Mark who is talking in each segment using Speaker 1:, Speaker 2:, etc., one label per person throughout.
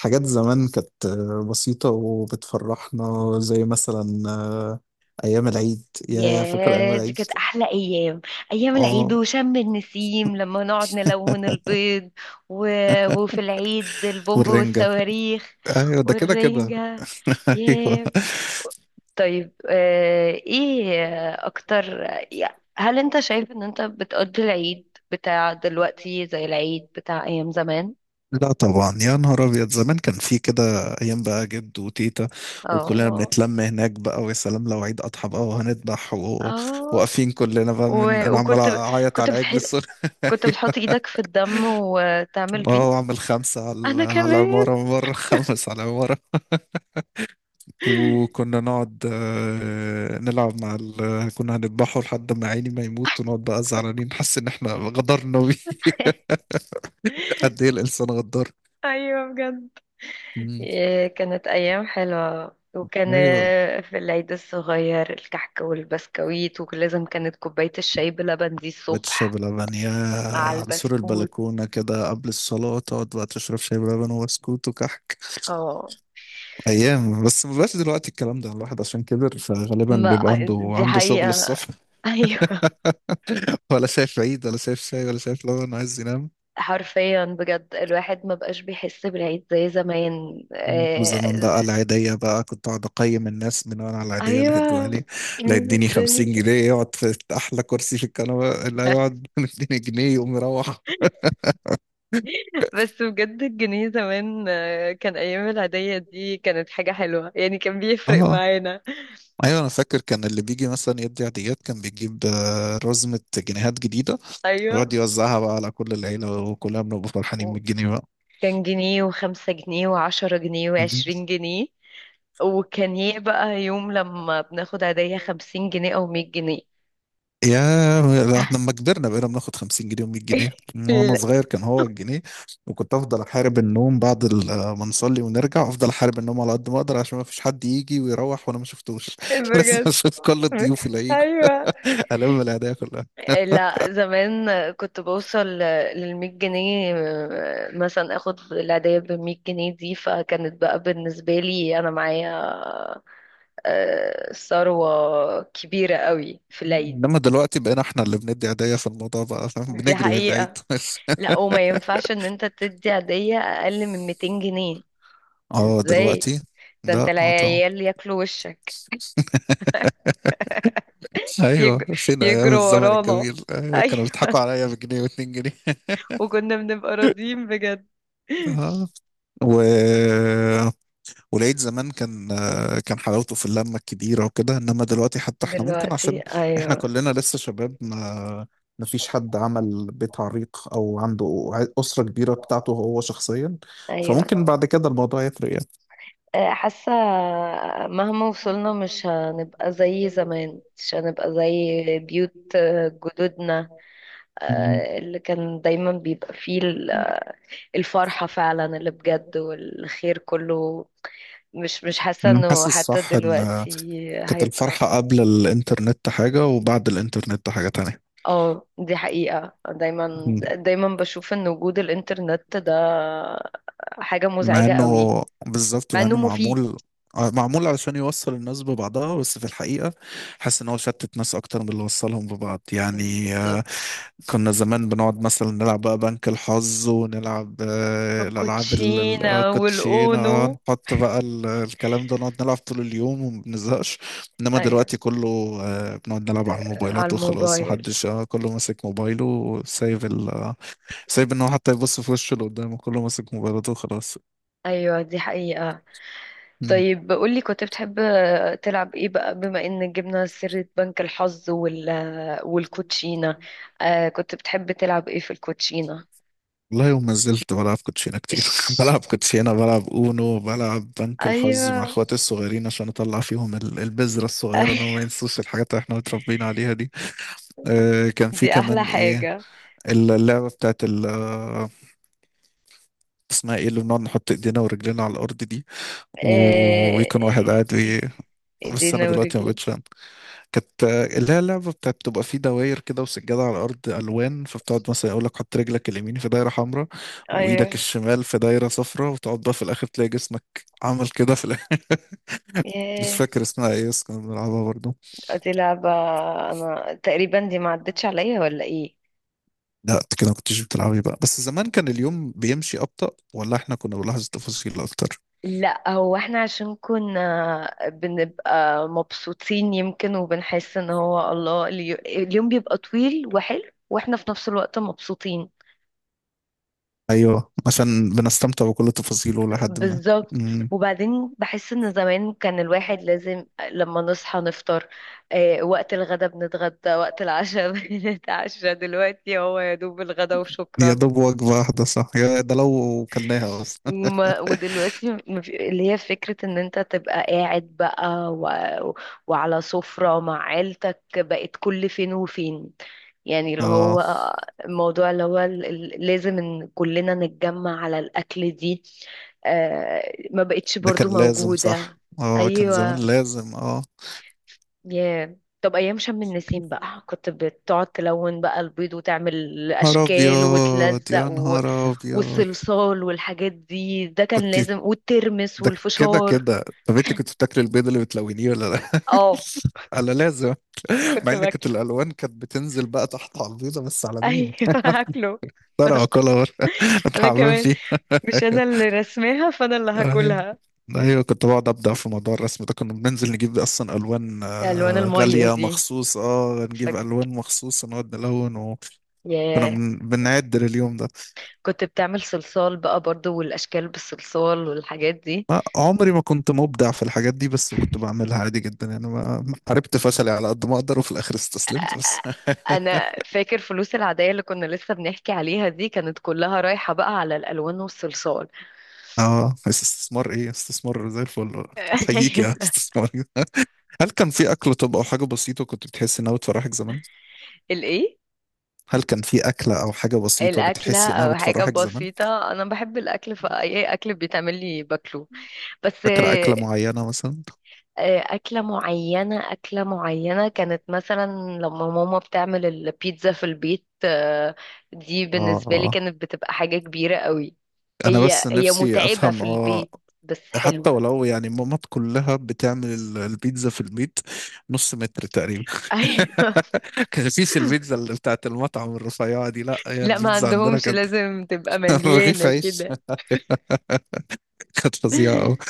Speaker 1: حاجات زمان كانت بسيطة وبتفرحنا زي مثلا أيام العيد، يا فاكر أيام
Speaker 2: ياه، دي
Speaker 1: العيد؟
Speaker 2: كانت احلى ايام، ايام العيد
Speaker 1: اه.
Speaker 2: وشم النسيم لما نقعد نلون البيض. و... وفي العيد البومب
Speaker 1: والرنجة.
Speaker 2: والصواريخ
Speaker 1: أيوة، ده كده كده.
Speaker 2: والرنجة.
Speaker 1: أيوة.
Speaker 2: ياه. طيب، ايه اكتر؟ هل انت شايف ان انت بتقضي العيد بتاع دلوقتي زي العيد بتاع ايام زمان؟
Speaker 1: لا طبعا، يا نهار أبيض، زمان كان في كده أيام، بقى جد وتيتا وكلنا
Speaker 2: اه،
Speaker 1: بنتلم هناك، بقى ويا سلام لو عيد أضحى بقى وهنذبح
Speaker 2: اه.
Speaker 1: وواقفين كلنا بقى، من
Speaker 2: و-
Speaker 1: أنا عمال
Speaker 2: وكنت
Speaker 1: أعيط
Speaker 2: كنت
Speaker 1: على عجل
Speaker 2: بتحط
Speaker 1: الصغير.
Speaker 2: كنت بتحط ايدك في الدم وتعمل بيه؟
Speaker 1: اه، وأعمل خمسة على
Speaker 2: انا
Speaker 1: على
Speaker 2: كمان.
Speaker 1: العمارة من بره، خمس على العمارة. وكنا نقعد، نلعب مع كنا هنذبحه لحد ما عيني ما يموت، ونقعد بقى زعلانين نحس ان احنا غدرنا بيه. قد ايه الانسان غدار.
Speaker 2: ايوه، بجد.
Speaker 1: مم.
Speaker 2: إيه، كانت أيام حلوة، وكان
Speaker 1: ايوه.
Speaker 2: في العيد الصغير الكحك والبسكويت، ولازم كانت كوباية الشاي بلبن دي
Speaker 1: بيت الشاي
Speaker 2: الصبح
Speaker 1: بلبن يا،
Speaker 2: مع
Speaker 1: على سور
Speaker 2: البسكوت.
Speaker 1: البلكونة كده قبل الصلاة تقعد بقى تشرب شاي بلبن وبسكوت وكحك.
Speaker 2: اه،
Speaker 1: أيام. بس ما بقاش دلوقتي الكلام ده، الواحد عشان كبر فغالبا
Speaker 2: ما
Speaker 1: بيبقى عنده
Speaker 2: دي
Speaker 1: عنده شغل
Speaker 2: حقيقة.
Speaker 1: الصبح.
Speaker 2: أيوة.
Speaker 1: ولا شايف عيد ولا شايف شاي ولا شايف لبن، عايز ينام.
Speaker 2: حرفيا بجد الواحد ما بقاش بيحس بالعيد زي زمان،
Speaker 1: وزمان بقى العيدية، بقى كنت أقعد أقيم الناس من وأنا على العيدية اللي هيدوها
Speaker 2: أيوة.
Speaker 1: لي. اللي
Speaker 2: مين
Speaker 1: هيديني
Speaker 2: الدنيا؟
Speaker 1: 50 جنيه يقعد في أحلى كرسي في الكنبة اللي هيقعد، مديني جنيه يقوم يروح.
Speaker 2: بس بجد الجنيه زمان، كان أيام العيدية دي كانت حاجة حلوة، يعني كان بيفرق
Speaker 1: اه.
Speaker 2: معانا.
Speaker 1: ايوه انا فاكر، كان اللي بيجي مثلا يدي عيديات كان بيجيب رزمة جنيهات جديدة، ويقعد
Speaker 2: أيوة.
Speaker 1: يوزعها بقى على كل العيلة وكلنا بنبقى فرحانين
Speaker 2: و-
Speaker 1: من الجنيه.
Speaker 2: كان جنيه وخمسة جنيه وعشرة جنيه
Speaker 1: بقى
Speaker 2: وعشرين جنيه. وكان ايه بقى يوم لما بناخد عيدية 50 جنيه أو 100 جنيه؟
Speaker 1: يا، لما كبرنا بقينا بناخد 50 جنيه و100 جنيه. وانا
Speaker 2: لا،
Speaker 1: صغير كان هو الجنيه. وكنت افضل احارب النوم بعد ما نصلي ونرجع، افضل احارب النوم على قد ما اقدر عشان ما فيش حد يجي ويروح وانا ما شفتوش. لازم
Speaker 2: بجد.
Speaker 1: اشوف كل الضيوف اللي هيجوا،
Speaker 2: أيوة.
Speaker 1: الم الهدايا كلها.
Speaker 2: لا، زمان كنت بوصل للمية جنيه، مثلا اخد العيدية بمية جنيه دي، فكانت بقى بالنسبة لي انا معايا ثروة كبيرة قوي في العيد.
Speaker 1: انما دلوقتي بقينا احنا اللي بندي هدايا في الموضوع بقى، فاهم؟
Speaker 2: دي
Speaker 1: بنجري من العيد.
Speaker 2: حقيقة. لا، وما ينفعش ان انت تدي هدية اقل من 200 جنيه.
Speaker 1: اه
Speaker 2: ازاي؟
Speaker 1: دلوقتي.
Speaker 2: ده انت
Speaker 1: لا اه طبعا.
Speaker 2: العيال ياكلوا وشك. يج...
Speaker 1: ايوه، فين ايام
Speaker 2: يجروا
Speaker 1: الزمن
Speaker 2: ورانا.
Speaker 1: الجميل؟ أيوة،
Speaker 2: ايوه.
Speaker 1: كانوا بيضحكوا عليا بجنيه واتنين جنيه.
Speaker 2: وكنا بنبقى راضيين بجد.
Speaker 1: اه. و... ولقيت زمان كان حلاوته في اللمة الكبيرة وكده. انما دلوقتي حتى احنا ممكن،
Speaker 2: دلوقتي،
Speaker 1: عشان احنا
Speaker 2: ايوه.
Speaker 1: كلنا لسه شباب، ما فيش حد عمل بيت عريق او عنده أسرة كبيرة بتاعته هو شخصيا.
Speaker 2: ايوه.
Speaker 1: فممكن بعد كده الموضوع يفرق يعني.
Speaker 2: حاسة مهما وصلنا مش هنبقى زي زمان، مش هنبقى زي بيوت جدودنا،
Speaker 1: مم.
Speaker 2: اللي كان دايما بيبقى فيه الفرحة فعلا اللي بجد والخير كله. مش حاسة
Speaker 1: مم.
Speaker 2: انه
Speaker 1: حاسس
Speaker 2: حتى
Speaker 1: صح ان
Speaker 2: دلوقتي
Speaker 1: كانت
Speaker 2: هيبقى.
Speaker 1: الفرحة قبل الانترنت حاجة، وبعد الانترنت حاجة تانية.
Speaker 2: اه، دي حقيقة. دايما دايما بشوف ان وجود الانترنت ده حاجة
Speaker 1: مع
Speaker 2: مزعجة قوي.
Speaker 1: انه بالظبط،
Speaker 2: مع
Speaker 1: مع
Speaker 2: انه
Speaker 1: انه
Speaker 2: مفيد.
Speaker 1: معمول، معمول علشان يوصل الناس ببعضها، بس في الحقيقة حاسس ان هو شتت ناس اكتر من اللي وصلهم ببعض، يعني
Speaker 2: بالظبط.
Speaker 1: كنا زمان بنقعد مثلا نلعب بقى بنك الحظ، ونلعب الالعاب
Speaker 2: الكوتشينة
Speaker 1: كوتشينة،
Speaker 2: والاونو.
Speaker 1: نحط بقى الكلام ده، نقعد نلعب طول اليوم وما بنزهقش. انما
Speaker 2: ايوه.
Speaker 1: دلوقتي كله بنقعد نلعب على
Speaker 2: على
Speaker 1: الموبايلات وخلاص،
Speaker 2: الموبايل.
Speaker 1: محدش كله ماسك موبايله وسايب ال آه، سايب ان هو حتى يبص في وشه اللي قدامه، كله ماسك موبايلاته وخلاص.
Speaker 2: ايوه، دي حقيقة.
Speaker 1: مم.
Speaker 2: طيب قولي، كنت بتحب تلعب ايه بقى بما ان جبنا سيرة بنك الحظ وال والكوتشينة؟ آه، كنت بتحب تلعب ايه في الكوتشينة؟
Speaker 1: والله يوم ما زلت بلعب كوتشينة كتير.
Speaker 2: ايش.
Speaker 1: بلعب كوتشينة، بلعب اونو، بلعب بنك الحظ مع
Speaker 2: ايوه.
Speaker 1: اخواتي الصغيرين، عشان اطلع فيهم البذرة الصغيرة ان هم ما
Speaker 2: ايوه،
Speaker 1: ينسوش الحاجات اللي احنا متربيين عليها دي. آه كان في
Speaker 2: دي احلى
Speaker 1: كمان ايه،
Speaker 2: حاجة.
Speaker 1: اللعبة بتاعت ال آه، اسمها ايه اللي بنقعد نحط ايدينا ورجلينا على الارض دي،
Speaker 2: آه،
Speaker 1: ويكون واحد قاعد بس انا
Speaker 2: ايدينا
Speaker 1: دلوقتي ما
Speaker 2: ورجلينا.
Speaker 1: بقتش، كانت اللي هي اللعبة بتاعت بتبقى فيه دواير كده وسجادة على الأرض ألوان، فبتقعد مثلا يقول لك حط رجلك اليمين في دايرة حمراء
Speaker 2: ايوه.
Speaker 1: وإيدك الشمال في دايرة صفراء، وتقعد بقى في الآخر تلاقي جسمك عمل كده في الآخر. مش
Speaker 2: ياه،
Speaker 1: فاكر اسمها إيه، بس كنا بنلعبها برضه.
Speaker 2: دي لعبة. انا تقريبا دي ما عدتش عليا ولا ايه؟
Speaker 1: لا أنت كده ما كنتش بتلعبي بقى، بس زمان كان اليوم بيمشي أبطأ، ولا إحنا كنا بنلاحظ التفاصيل أكتر؟
Speaker 2: لا، هو احنا عشان كنا بنبقى مبسوطين يمكن، وبنحس ان هو الله اليوم بيبقى طويل وحلو، واحنا في نفس الوقت مبسوطين.
Speaker 1: أيوه، عشان بنستمتع بكل تفاصيله لحد ما.
Speaker 2: بالظبط.
Speaker 1: مم.
Speaker 2: وبعدين بحس ان زمان كان الواحد لازم لما نصحى نفطر، اه، وقت الغدا بنتغدى، وقت العشاء بنتعشى. دلوقتي هو يا دوب الغدا
Speaker 1: يا
Speaker 2: وشكرا.
Speaker 1: دوب وجبة واحدة صح، يا ده لو كلناها أصلا.
Speaker 2: اللي هي فكرة ان انت تبقى قاعد بقى وعلى سفرة مع عيلتك بقت كل فين وفين. يعني اللي هو الموضوع، اللي هو لازم ان كلنا نتجمع على الاكل دي، ما بقتش
Speaker 1: ده
Speaker 2: برضو
Speaker 1: كان لازم صح،
Speaker 2: موجودة.
Speaker 1: اه كان زمان
Speaker 2: ايوه.
Speaker 1: لازم اه.
Speaker 2: ياه. طب ايام شم النسيم بقى كنت بتقعد تلون بقى البيض وتعمل
Speaker 1: نهار
Speaker 2: اشكال
Speaker 1: ابيض
Speaker 2: وتلزق،
Speaker 1: يا نهار ابيض.
Speaker 2: والصلصال والحاجات دي، ده كان
Speaker 1: كنت،
Speaker 2: لازم. والترمس
Speaker 1: ده كده
Speaker 2: والفشار.
Speaker 1: كده. طب انت كنت بتاكلي البيض اللي بتلونيه ولا لا؟
Speaker 2: اه،
Speaker 1: انا لازم. مع
Speaker 2: كنت
Speaker 1: ان كانت
Speaker 2: باكله.
Speaker 1: الالوان كانت بتنزل بقى تحت على البيضه، بس على
Speaker 2: ايوه.
Speaker 1: مين؟
Speaker 2: هاكله.
Speaker 1: ترى اكلها بره،
Speaker 2: انا
Speaker 1: اتحمم
Speaker 2: كمان.
Speaker 1: فيها.
Speaker 2: مش
Speaker 1: ايوه
Speaker 2: انا اللي رسماها فانا اللي
Speaker 1: ايوه
Speaker 2: هاكلها.
Speaker 1: ايوه، كنت بقعد ابدا في موضوع الرسم ده، كنا بننزل نجيب اصلا الوان،
Speaker 2: الوان الميه
Speaker 1: غاليه
Speaker 2: دي.
Speaker 1: مخصوص، اه نجيب
Speaker 2: فك...
Speaker 1: الوان مخصوص نقعد نلون، وكنا
Speaker 2: ياه.
Speaker 1: بنعد لليوم ده.
Speaker 2: كنت بتعمل صلصال بقى برضو، والاشكال بالصلصال والحاجات دي.
Speaker 1: ما عمري ما كنت مبدع في الحاجات دي، بس كنت بعملها عادي جدا يعني، ما حاربت فشلي على قد ما اقدر وفي الاخر استسلمت بس.
Speaker 2: انا فاكر فلوس العاديه اللي كنا لسه بنحكي عليها دي كانت كلها رايحه بقى على الالوان والصلصال.
Speaker 1: اه بس استثمار ايه، استثمار زي الفل. احييك يا
Speaker 2: ايوه.
Speaker 1: استثمار. هل كان في اكل طب او حاجه بسيطه كنت بتحس انها بتفرحك زمان؟
Speaker 2: الايه؟
Speaker 1: هل كان في اكله او حاجه بسيطه
Speaker 2: الأكلة
Speaker 1: بتحس انها
Speaker 2: أو حاجة
Speaker 1: بتفرحك زمان؟
Speaker 2: بسيطة، أنا بحب الأكل فأي أكل بيتعمل لي باكله. بس
Speaker 1: فاكره اكله معينه مثلا؟
Speaker 2: أكلة معينة كانت مثلا لما ماما بتعمل البيتزا في البيت، دي
Speaker 1: اه
Speaker 2: بالنسبة لي
Speaker 1: اه،
Speaker 2: كانت بتبقى حاجة كبيرة قوي.
Speaker 1: انا بس
Speaker 2: هي هي
Speaker 1: نفسي
Speaker 2: متعبة في
Speaker 1: افهم، اه.
Speaker 2: البيت بس
Speaker 1: حتى
Speaker 2: حلوة.
Speaker 1: ولو يعني ماما كلها بتعمل البيتزا في البيت، نص متر تقريبا.
Speaker 2: أيوة.
Speaker 1: كان مفيش البيتزا اللي بتاعت المطعم الرفيعة دي، لا، هي
Speaker 2: لا، ما
Speaker 1: البيتزا عندنا
Speaker 2: عندهمش،
Speaker 1: كانت
Speaker 2: لازم تبقى
Speaker 1: رغيف
Speaker 2: مليانة
Speaker 1: عيش.
Speaker 2: كده.
Speaker 1: كانت فظيعة أوي.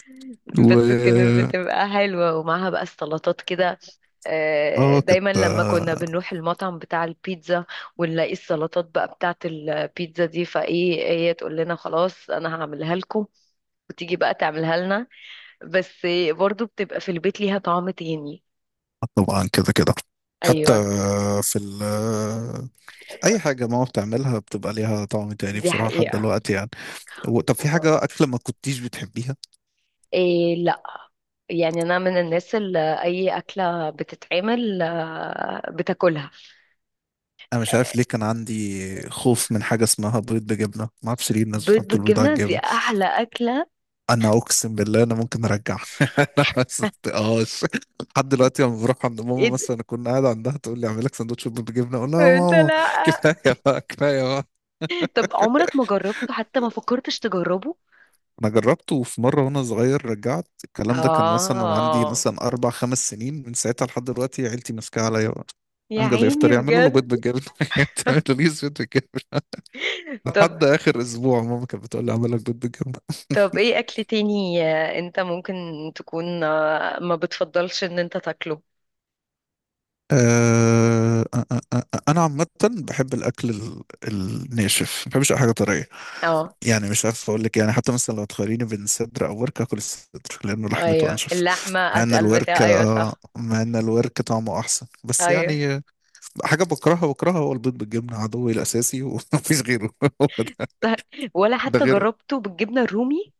Speaker 1: و
Speaker 2: بس كانت بتبقى حلوة ومعاها بقى السلطات كده.
Speaker 1: اه كانت
Speaker 2: دايما لما كنا بنروح المطعم بتاع البيتزا ونلاقي السلطات بقى بتاعة البيتزا دي، فايه هي تقول لنا خلاص انا هعملها لكم، وتيجي بقى تعملها لنا. بس برضو بتبقى في البيت ليها طعم تاني.
Speaker 1: طبعا كده كده. حتى
Speaker 2: ايوه.
Speaker 1: في ال آه، أي حاجة ماما بتعملها بتبقى ليها طعم تاني
Speaker 2: دي
Speaker 1: بصراحة لحد
Speaker 2: حقيقة.
Speaker 1: دلوقتي يعني. طب في حاجة أكلة ما كنتيش بتحبيها؟
Speaker 2: إيه، لا. يعني انا من الناس اللي اي اكله بتتعمل بتاكلها.
Speaker 1: أنا مش عارف ليه كان عندي خوف من حاجة اسمها بيض بجبنة، ما أعرفش ليه الناس
Speaker 2: بيض
Speaker 1: بتحط البيض على
Speaker 2: بالجبنه دي
Speaker 1: الجبنة.
Speaker 2: احلى اكله.
Speaker 1: انا اقسم بالله انا ممكن ارجع. انا ما صدقتهاش لحد دلوقتي. لما بروح عند
Speaker 2: ايه
Speaker 1: ماما
Speaker 2: ده؟
Speaker 1: مثلا اكون قاعد عندها تقول لي اعمل لك سندوتش بالجبنه، اقول لها يا
Speaker 2: انت
Speaker 1: ماما.
Speaker 2: لا.
Speaker 1: كفايه بقى، كفايه بقى.
Speaker 2: طب عمرك ما جربته؟ حتى ما فكرتش تجربه؟
Speaker 1: انا جربته في مره وانا صغير رجعت الكلام ده، كان مثلا وانا عندي
Speaker 2: آه،
Speaker 1: مثلا اربع خمس سنين، من ساعتها لحد دلوقتي عيلتي ماسكاها عليا بقى.
Speaker 2: يا
Speaker 1: امجد يفطر
Speaker 2: عيني،
Speaker 1: يعملوا له بيض
Speaker 2: بجد.
Speaker 1: بالجبنه. تعملوا لي بيض بالجبنه.
Speaker 2: طب
Speaker 1: لحد اخر اسبوع ماما كانت بتقول لي اعمل لك بيض بالجبنه.
Speaker 2: طب ايه اكل تاني انت ممكن تكون ما بتفضلش ان انت تاكله؟
Speaker 1: انا عامه بحب الاكل الناشف، ما بحبش اي حاجه طريه.
Speaker 2: اه.
Speaker 1: يعني مش عارف اقول لك يعني، حتى مثلا لو تخيريني بين صدر او ورك اكل الصدر لانه لحمته
Speaker 2: ايوه،
Speaker 1: انشف.
Speaker 2: اللحمة
Speaker 1: مع ان
Speaker 2: اتقل،
Speaker 1: الورك،
Speaker 2: بتاع، ايوه، صح.
Speaker 1: مع ان الورك طعمه احسن، بس
Speaker 2: ايوه،
Speaker 1: يعني حاجه بكرهها بكرهها هو البيض بالجبنه، عدوي الاساسي ومفيش غيره. هو ده.
Speaker 2: صح. ولا
Speaker 1: ده
Speaker 2: حتى
Speaker 1: غير،
Speaker 2: جربته بالجبنة الرومي؟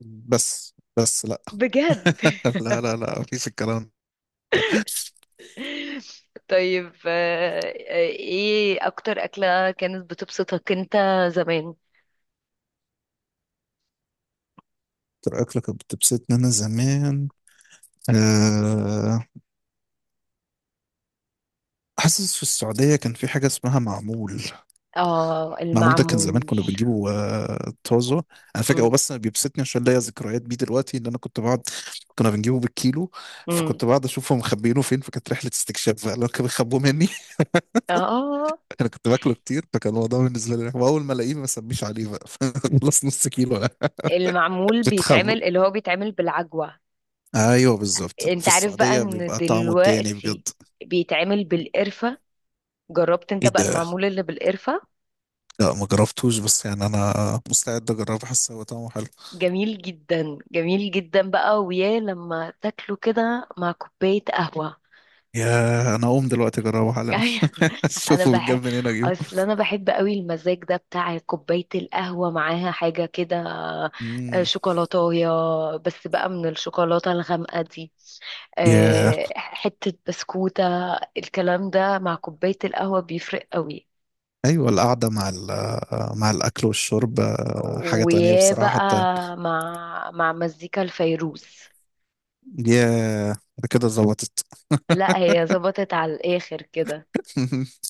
Speaker 1: بس لا.
Speaker 2: بجد.
Speaker 1: لا لا لا، مفيش الكلام ده.
Speaker 2: طيب، ايه اكتر اكلة كانت بتبسطك انت زمان؟
Speaker 1: اكتر اكله كانت بتبسطني انا زمان، آه، حاسس في السعودية كان في حاجة اسمها معمول.
Speaker 2: اه،
Speaker 1: معمول ده كان زمان
Speaker 2: المعمول.
Speaker 1: كنا بنجيبه طازة. أنا فاكر هو،
Speaker 2: امم.
Speaker 1: بس أنا بيبسطني عشان ليا ذكريات بيه دلوقتي، إن أنا كنت بقعد، كنا بنجيبه بالكيلو.
Speaker 2: امم.
Speaker 1: فكنت بقعد أشوفهم مخبيينه فين، فكانت رحلة استكشاف بقى لو كانوا بيخبوه مني.
Speaker 2: اه
Speaker 1: أنا كنت باكله كتير، فكان الموضوع بالنسبة لي رخم. وأول ما ألاقيه ما أسميش عليه بقى. خلص نص كيلو لا.
Speaker 2: المعمول
Speaker 1: بتخبى.
Speaker 2: بيتعمل، اللي هو بيتعمل بالعجوة.
Speaker 1: أيوه بالظبط،
Speaker 2: انت
Speaker 1: في
Speaker 2: عارف بقى
Speaker 1: السعودية
Speaker 2: ان
Speaker 1: بيبقى طعمه تاني
Speaker 2: دلوقتي
Speaker 1: بجد.
Speaker 2: بيتعمل بالقرفة؟ جربت انت
Speaker 1: إيه
Speaker 2: بقى
Speaker 1: ده؟
Speaker 2: المعمول اللي بالقرفة؟
Speaker 1: لا ما جربتوش، بس يعني أنا مستعد أجربه، حاسس هو طعمه حلو.
Speaker 2: جميل جدا، جميل جدا بقى، ويا لما تاكله كده مع كوباية قهوة.
Speaker 1: يا انا اقوم دلوقتي اجربه حالا.
Speaker 2: انا
Speaker 1: اشوفه
Speaker 2: بحب،
Speaker 1: بيتجاب منين اجيبه.
Speaker 2: اصل انا بحب قوي المزاج ده بتاع كوباية القهوة معاها حاجة كده،
Speaker 1: مم.
Speaker 2: شوكولاتاية، بس بقى من الشوكولاتة الغامقة دي،
Speaker 1: يا.
Speaker 2: حتة بسكوتة. الكلام ده مع كوباية القهوة بيفرق قوي.
Speaker 1: ايوه، القعده مع مع الاكل والشرب، حاجه تانية
Speaker 2: ويا
Speaker 1: بصراحه
Speaker 2: بقى
Speaker 1: حتى.
Speaker 2: مع مزيكا الفيروز.
Speaker 1: يا، كده ظبطت.
Speaker 2: لا، هي ظبطت على الآخر كده.